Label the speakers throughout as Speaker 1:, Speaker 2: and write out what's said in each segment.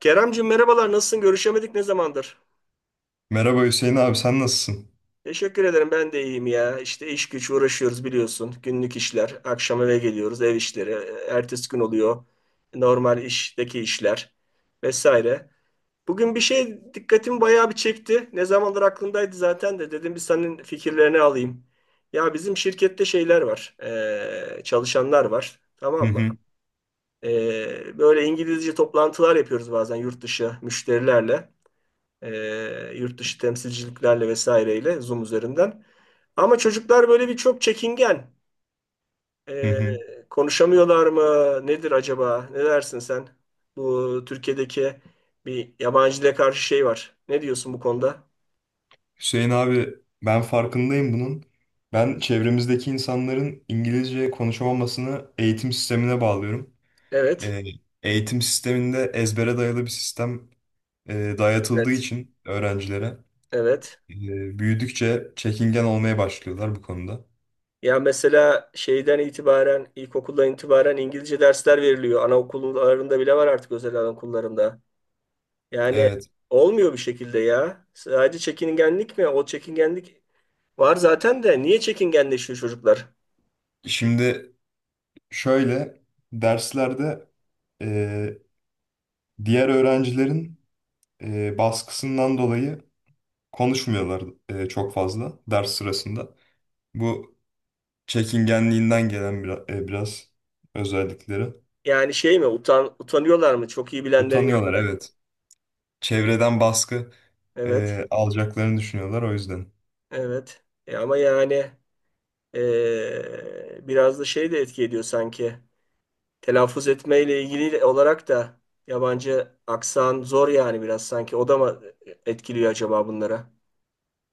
Speaker 1: Keremcim merhabalar nasılsın? Görüşemedik ne zamandır?
Speaker 2: Merhaba Hüseyin abi, sen nasılsın?
Speaker 1: Teşekkür ederim ben de iyiyim ya. İşte iş güç uğraşıyoruz biliyorsun. Günlük işler. Akşam eve geliyoruz ev işleri. Ertesi gün oluyor. Normal işteki işler vesaire. Bugün bir şey dikkatimi bayağı bir çekti. Ne zamandır aklımdaydı zaten de dedim bir senin fikirlerini alayım. Ya bizim şirkette şeyler var. Çalışanlar var.
Speaker 2: Hı
Speaker 1: Tamam mı?
Speaker 2: hı,
Speaker 1: Böyle İngilizce toplantılar yapıyoruz bazen yurt dışı müşterilerle. Ee, Yurt dışı temsilciliklerle vesaireyle Zoom üzerinden. Ama çocuklar böyle bir çok çekingen.
Speaker 2: hı
Speaker 1: Ee,
Speaker 2: hı.
Speaker 1: Konuşamıyorlar mı? Nedir acaba? Ne dersin sen? Bu Türkiye'deki bir yabancı dile karşı şey var. Ne diyorsun bu konuda?
Speaker 2: Hüseyin abi, ben farkındayım bunun. Ben çevremizdeki insanların İngilizce konuşamamasını eğitim sistemine bağlıyorum.
Speaker 1: Evet.
Speaker 2: Ee, Eğitim sisteminde ezbere dayalı bir sistem dayatıldığı
Speaker 1: Evet.
Speaker 2: için öğrencilere
Speaker 1: Evet.
Speaker 2: büyüdükçe çekingen olmaya başlıyorlar bu konuda.
Speaker 1: Ya mesela şeyden itibaren, ilkokuldan itibaren İngilizce dersler veriliyor. Anaokullarında bile var artık özel anaokullarında. Yani
Speaker 2: Evet,
Speaker 1: olmuyor bir şekilde ya. Sadece çekingenlik mi? O çekingenlik var zaten de niye çekingenleşiyor çocuklar?
Speaker 2: şimdi şöyle, derslerde e, diğer öğrencilerin baskısından dolayı konuşmuyorlar çok fazla ders sırasında. Bu çekingenliğinden gelen biraz özellikleri.
Speaker 1: Yani şey mi, utanıyorlar mı? Çok iyi bilenlerin
Speaker 2: Utanıyorlar, evet. Çevreden baskı
Speaker 1: Evet.
Speaker 2: alacaklarını düşünüyorlar, o yüzden.
Speaker 1: Evet. E ama yani biraz da şey de etki ediyor sanki. Telaffuz etmeyle ilgili olarak da yabancı aksan zor yani biraz sanki. O da mı etkiliyor acaba bunlara?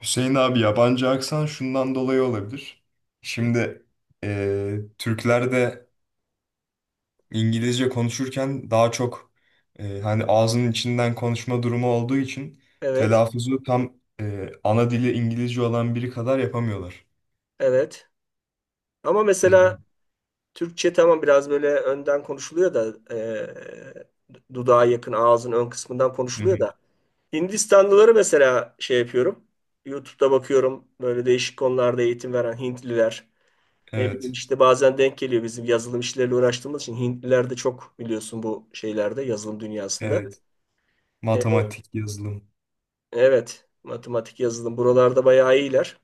Speaker 2: Hüseyin abi, yabancı aksan şundan dolayı olabilir. Şimdi Türkler de İngilizce konuşurken daha çok hani ağzının içinden konuşma durumu olduğu için
Speaker 1: Evet.
Speaker 2: telaffuzu tam ana dili İngilizce olan biri kadar yapamıyorlar.
Speaker 1: Evet. Ama mesela
Speaker 2: E,
Speaker 1: Türkçe tamam biraz böyle önden konuşuluyor da dudağa yakın ağzın ön kısmından
Speaker 2: Hı
Speaker 1: konuşuluyor
Speaker 2: hı.
Speaker 1: da. Hindistanlıları mesela şey yapıyorum. YouTube'da bakıyorum böyle değişik konularda eğitim veren Hintliler. Ne bileyim
Speaker 2: Evet,
Speaker 1: işte bazen denk geliyor bizim yazılım işleriyle uğraştığımız için Hintliler de çok biliyorsun bu şeylerde yazılım dünyasında.
Speaker 2: evet.
Speaker 1: E,
Speaker 2: Matematik, yazılım.
Speaker 1: evet, matematik yazılım buralarda bayağı iyiler.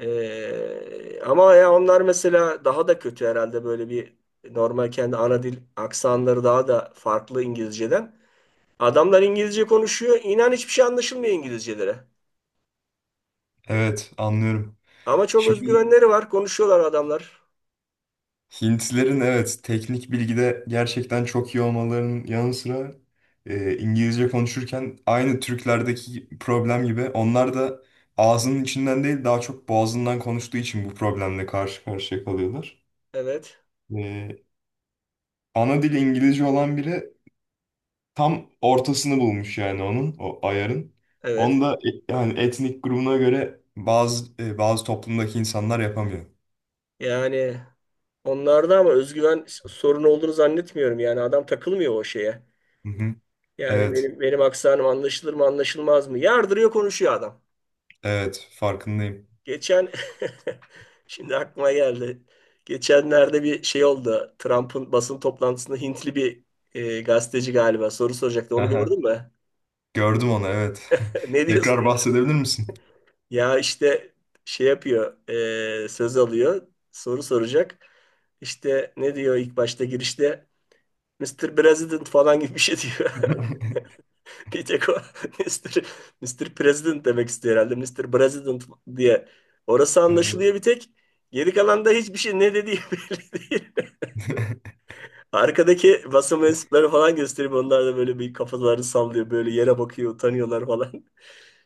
Speaker 1: Ama ya onlar mesela daha da kötü herhalde, böyle bir normal kendi ana dil aksanları daha da farklı İngilizceden. Adamlar İngilizce konuşuyor. İnan hiçbir şey anlaşılmıyor İngilizcelere.
Speaker 2: Evet, anlıyorum.
Speaker 1: Ama çok
Speaker 2: Şimdi
Speaker 1: özgüvenleri var. Konuşuyorlar adamlar.
Speaker 2: Hintlilerin, evet, teknik bilgide gerçekten çok iyi olmalarının yanı sıra İngilizce konuşurken aynı Türklerdeki problem gibi onlar da ağzının içinden değil daha çok boğazından konuştuğu için bu problemle karşı karşıya kalıyorlar.
Speaker 1: Evet.
Speaker 2: E, Ana dili İngilizce olan biri tam ortasını bulmuş yani, onun o ayarın. Onu
Speaker 1: Evet.
Speaker 2: da yani etnik grubuna göre bazı toplumdaki insanlar yapamıyor.
Speaker 1: Yani onlarda ama özgüven sorunu olduğunu zannetmiyorum. Yani adam takılmıyor o şeye.
Speaker 2: Hı hı.
Speaker 1: Yani
Speaker 2: Evet.
Speaker 1: benim aksanım anlaşılır mı anlaşılmaz mı? Yardırıyor konuşuyor adam.
Speaker 2: Evet, farkındayım.
Speaker 1: Geçen şimdi aklıma geldi. Geçenlerde bir şey oldu. Trump'ın basın toplantısında Hintli bir gazeteci galiba soru soracaktı. Onu
Speaker 2: Aha,
Speaker 1: gördün mü?
Speaker 2: gördüm onu, evet.
Speaker 1: Ne diyorsun?
Speaker 2: Tekrar bahsedebilir misin?
Speaker 1: Ya işte şey yapıyor, söz alıyor, soru soracak. İşte ne diyor ilk başta girişte? Mister President falan gibi bir şey diyor. Bir tek o Mr. Mr. President demek istiyor herhalde. Mister President diye. Orası
Speaker 2: Evet.
Speaker 1: anlaşılıyor bir tek. Geri kalan da hiçbir şey ne dediği belli değil. Arkadaki basın mensupları falan gösterip onlar da böyle bir kafalarını sallıyor. Böyle yere bakıyor, utanıyorlar falan.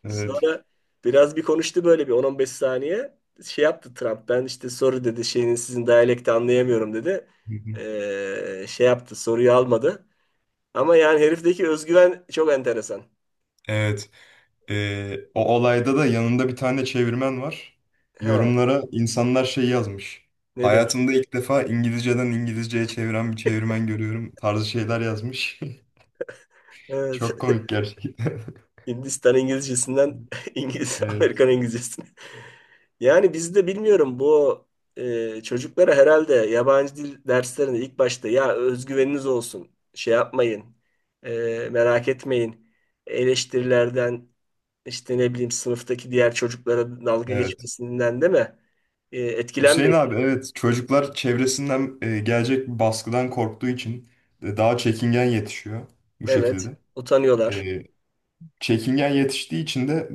Speaker 2: Evet.
Speaker 1: Sonra biraz bir konuştu böyle bir 10-15 saniye. Şey yaptı Trump. Ben işte soru dedi şeyin, sizin diyalekti anlayamıyorum dedi.
Speaker 2: Hı hı.
Speaker 1: Şey yaptı, soruyu almadı. Ama yani herifteki özgüven çok enteresan.
Speaker 2: Evet. O olayda da yanında bir tane çevirmen var.
Speaker 1: Ha,
Speaker 2: Yorumlara insanlar şey yazmış.
Speaker 1: ne demiş?
Speaker 2: Hayatımda ilk defa İngilizceden İngilizceye çeviren bir çevirmen görüyorum tarzı şeyler yazmış.
Speaker 1: Evet.
Speaker 2: Çok komik gerçekten.
Speaker 1: Hindistan İngilizcesinden İngiliz
Speaker 2: Evet,
Speaker 1: Amerikan İngilizcesine. Yani biz de bilmiyorum, bu çocuklara herhalde yabancı dil derslerinde ilk başta, ya özgüveniniz olsun, şey yapmayın, merak etmeyin, eleştirilerden işte ne bileyim sınıftaki diğer çocuklara dalga
Speaker 2: evet.
Speaker 1: geçmesinden, değil mi?
Speaker 2: Hüseyin
Speaker 1: Etkilenmeyin.
Speaker 2: abi, evet, çocuklar çevresinden gelecek bir baskıdan korktuğu için daha çekingen yetişiyor bu
Speaker 1: Evet,
Speaker 2: şekilde.
Speaker 1: utanıyorlar.
Speaker 2: E, Çekingen yetiştiği için de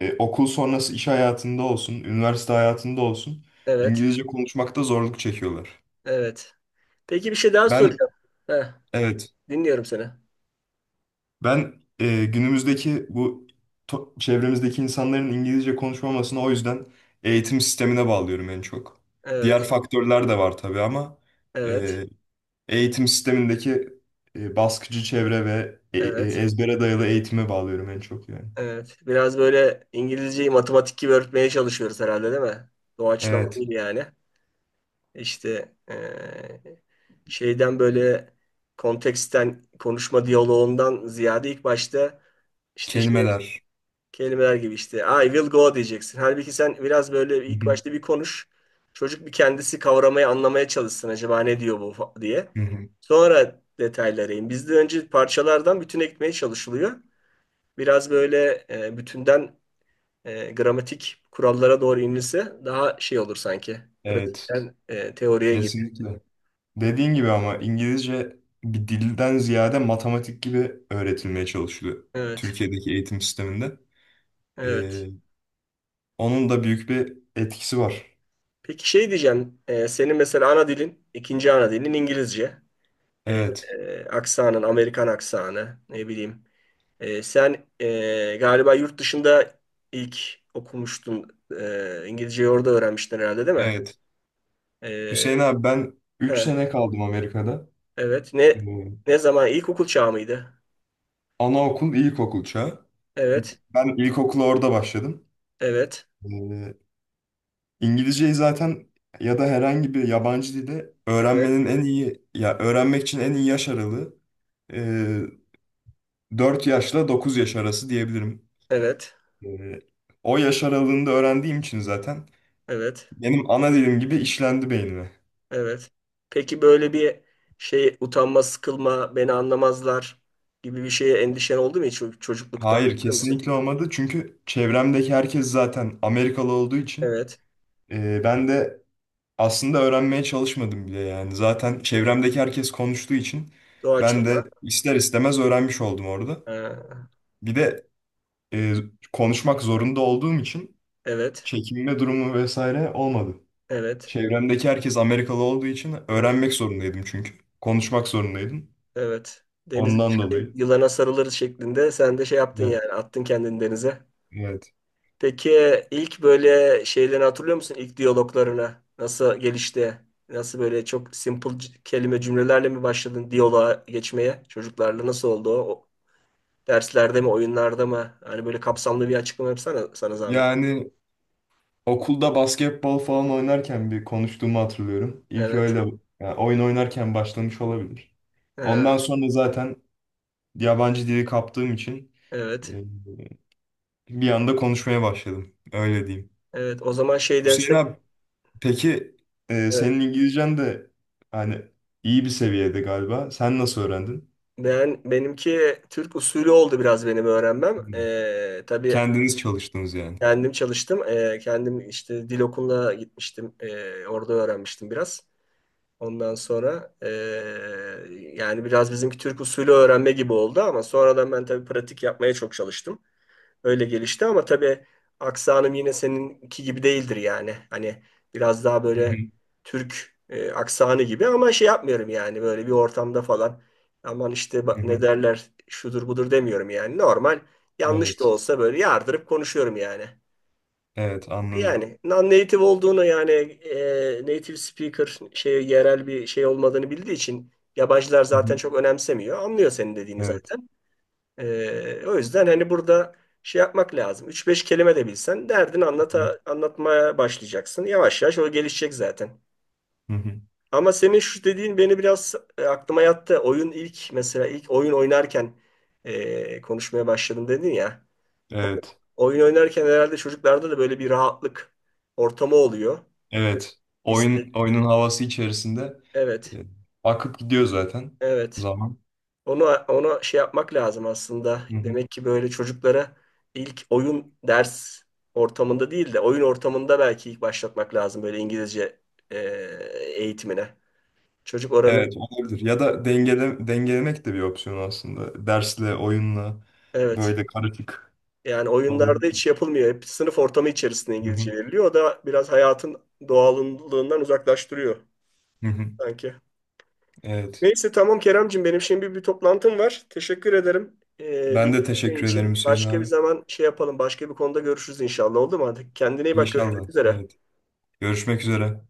Speaker 2: okul sonrası iş hayatında olsun, üniversite hayatında olsun,
Speaker 1: Evet,
Speaker 2: İngilizce konuşmakta zorluk çekiyorlar.
Speaker 1: evet. Peki bir şey daha
Speaker 2: Ben,
Speaker 1: soracağım. Heh,
Speaker 2: evet,
Speaker 1: dinliyorum seni.
Speaker 2: ben günümüzdeki bu çevremizdeki insanların İngilizce konuşmamasını, o yüzden, eğitim sistemine bağlıyorum en çok. Diğer
Speaker 1: Evet,
Speaker 2: faktörler de var tabii ama
Speaker 1: evet,
Speaker 2: e, eğitim sistemindeki baskıcı çevre ve
Speaker 1: evet.
Speaker 2: ezbere dayalı eğitime bağlıyorum en çok yani.
Speaker 1: Evet. Biraz böyle İngilizceyi matematik gibi öğretmeye çalışıyoruz herhalde, değil mi? Doğaçlama
Speaker 2: Evet,
Speaker 1: değil yani. İşte şeyden böyle, konteksten, konuşma diyaloğundan ziyade ilk başta işte şey,
Speaker 2: kelimeler.
Speaker 1: kelimeler gibi, işte I will go diyeceksin. Halbuki sen biraz böyle
Speaker 2: Hı
Speaker 1: ilk
Speaker 2: hı,
Speaker 1: başta bir konuş. Çocuk bir kendisi kavramaya anlamaya çalışsın acaba ne diyor bu diye.
Speaker 2: hı hı.
Speaker 1: Sonra detaylara in. Bizde önce parçalardan bütüne gitmeye çalışılıyor. Biraz böyle bütünden gramatik kurallara doğru inilse daha şey olur sanki.
Speaker 2: Evet,
Speaker 1: Pratikten teoriye gibi.
Speaker 2: kesinlikle. Dediğin gibi, ama İngilizce bir dilden ziyade matematik gibi öğretilmeye çalışılıyor
Speaker 1: Evet,
Speaker 2: Türkiye'deki eğitim sisteminde.
Speaker 1: evet.
Speaker 2: E, Onun da büyük bir etkisi var.
Speaker 1: Peki şey diyeceğim, senin mesela ana dilin, ikinci ana dilin İngilizce. E,
Speaker 2: Evet,
Speaker 1: aksanın, Amerikan aksanı, ne bileyim. Sen galiba yurt dışında ilk okumuştun, İngilizceyi orada öğrenmiştin herhalde, değil mi?
Speaker 2: evet.
Speaker 1: E,
Speaker 2: Hüseyin abi, ben üç
Speaker 1: he,
Speaker 2: sene kaldım Amerika'da.
Speaker 1: evet.
Speaker 2: Ee,
Speaker 1: Ne zaman? İlkokul çağı mıydı?
Speaker 2: Anaokul, ilkokul çağı.
Speaker 1: Evet,
Speaker 2: Ben ilkokula orada başladım.
Speaker 1: evet,
Speaker 2: Ee, İngilizceyi zaten, ya da herhangi bir yabancı dilde
Speaker 1: evet,
Speaker 2: öğrenmenin en iyi, ya öğrenmek için en iyi yaş aralığı e, 4 yaşla 9 yaş arası diyebilirim.
Speaker 1: evet,
Speaker 2: Ee, O yaş aralığında öğrendiğim için zaten
Speaker 1: evet.
Speaker 2: benim ana dilim gibi işlendi beynime.
Speaker 1: Evet. Peki böyle bir şey, utanma, sıkılma, beni anlamazlar gibi bir şeye endişen oldu mu hiç çocuklukta?
Speaker 2: Hayır,
Speaker 1: Hatırlıyor musun?
Speaker 2: kesinlikle olmadı. Çünkü çevremdeki herkes zaten Amerikalı olduğu için
Speaker 1: Evet.
Speaker 2: ben de aslında öğrenmeye çalışmadım bile yani. Zaten çevremdeki herkes konuştuğu için ben de
Speaker 1: Doğaçlama.
Speaker 2: ister istemez öğrenmiş oldum orada.
Speaker 1: Ha,
Speaker 2: Bir de e, konuşmak zorunda olduğum için
Speaker 1: evet.
Speaker 2: çekinme durumu vesaire olmadı.
Speaker 1: Evet.
Speaker 2: Çevremdeki herkes Amerikalı olduğu için
Speaker 1: Ha,
Speaker 2: öğrenmek zorundaydım çünkü. Konuşmak zorundaydım.
Speaker 1: evet. Denize
Speaker 2: Ondan
Speaker 1: düşelim,
Speaker 2: dolayı.
Speaker 1: yılana sarılırız şeklinde sen de şey yaptın
Speaker 2: Evet,
Speaker 1: yani, attın kendini denize.
Speaker 2: evet.
Speaker 1: Peki ilk böyle şeylerini hatırlıyor musun? İlk diyaloglarına nasıl gelişti? Nasıl böyle çok simple kelime cümlelerle mi başladın diyaloğa geçmeye? Çocuklarla nasıl oldu o? Derslerde mi, oyunlarda mı? Hani böyle kapsamlı bir açıklama yapsana, sana zahmet.
Speaker 2: Yani, okulda basketbol falan oynarken bir konuştuğumu hatırlıyorum. İlk
Speaker 1: Evet.
Speaker 2: öyle, yani oyun oynarken başlamış olabilir.
Speaker 1: Ha,
Speaker 2: Ondan sonra zaten yabancı dili kaptığım için
Speaker 1: evet.
Speaker 2: e, bir anda konuşmaya başladım. Öyle diyeyim.
Speaker 1: Evet. O zaman şey
Speaker 2: Hüseyin
Speaker 1: densek.
Speaker 2: abi, peki senin
Speaker 1: Evet.
Speaker 2: İngilizcen de hani iyi bir seviyede galiba. Sen nasıl öğrendin?
Speaker 1: Ben, benimki Türk usulü oldu biraz benim öğrenmem.
Speaker 2: Hmm.
Speaker 1: Tabii
Speaker 2: Kendiniz çalıştınız yani.
Speaker 1: kendim çalıştım. Kendim işte dil okuluna gitmiştim. Orada öğrenmiştim biraz. Ondan sonra yani biraz bizimki Türk usulü öğrenme gibi oldu ama sonradan ben tabii pratik yapmaya çok çalıştım. Öyle gelişti ama tabii aksanım yine seninki gibi değildir yani. Hani biraz daha
Speaker 2: Hı hı,
Speaker 1: böyle Türk aksanı gibi ama şey yapmıyorum yani böyle bir ortamda falan. Aman işte
Speaker 2: hı
Speaker 1: bak ne
Speaker 2: hı.
Speaker 1: derler, şudur budur demiyorum yani. Normal yanlış da
Speaker 2: Evet.
Speaker 1: olsa böyle yardırıp konuşuyorum yani.
Speaker 2: Evet, anladım.
Speaker 1: Yani non-native olduğunu, yani native speaker, şey, yerel bir şey olmadığını bildiği için yabancılar
Speaker 2: Hı hı.
Speaker 1: zaten çok önemsemiyor. Anlıyor senin dediğini
Speaker 2: Evet.
Speaker 1: zaten. O yüzden hani burada şey yapmak lazım. Üç beş kelime de bilsen derdini
Speaker 2: Hı hı.
Speaker 1: anlatmaya başlayacaksın. Yavaş yavaş o gelişecek zaten.
Speaker 2: Hı hı.
Speaker 1: Ama senin şu dediğin beni biraz aklıma yattı. Oyun ilk, mesela ilk oyun oynarken konuşmaya başladım dedin ya. O-
Speaker 2: Evet.
Speaker 1: Oyun oynarken herhalde çocuklarda da böyle bir rahatlık ortamı oluyor.
Speaker 2: Evet.
Speaker 1: İşte,
Speaker 2: Oyun oyunun havası içerisinde
Speaker 1: evet,
Speaker 2: e, akıp gidiyor zaten
Speaker 1: evet.
Speaker 2: zaman.
Speaker 1: Onu, ona şey yapmak lazım aslında.
Speaker 2: Hı hı.
Speaker 1: Demek ki böyle çocuklara ilk, oyun ders ortamında değil de oyun ortamında belki ilk başlatmak lazım böyle İngilizce e, eğitimine. Çocuk oranın,
Speaker 2: Evet, olabilir. Ya da dengelemek de bir opsiyon aslında. Dersle, oyunla
Speaker 1: evet,
Speaker 2: böyle karışık
Speaker 1: yani oyunlarda hiç
Speaker 2: olabilir.
Speaker 1: yapılmıyor. Hep sınıf ortamı içerisinde
Speaker 2: Hı
Speaker 1: İngilizce
Speaker 2: hı.
Speaker 1: veriliyor. O da biraz hayatın doğallığından uzaklaştırıyor
Speaker 2: Hı hı.
Speaker 1: sanki.
Speaker 2: Evet.
Speaker 1: Neyse, tamam Keremcim, benim şimdi bir toplantım var. Teşekkür ederim.
Speaker 2: Ben de
Speaker 1: Bilgilerin
Speaker 2: teşekkür ederim
Speaker 1: için,
Speaker 2: Hüseyin
Speaker 1: başka bir
Speaker 2: abi.
Speaker 1: zaman şey yapalım. Başka bir konuda görüşürüz inşallah, oldu mu? Hadi kendine iyi bak, görüşmek
Speaker 2: İnşallah.
Speaker 1: üzere.
Speaker 2: Evet. Görüşmek üzere.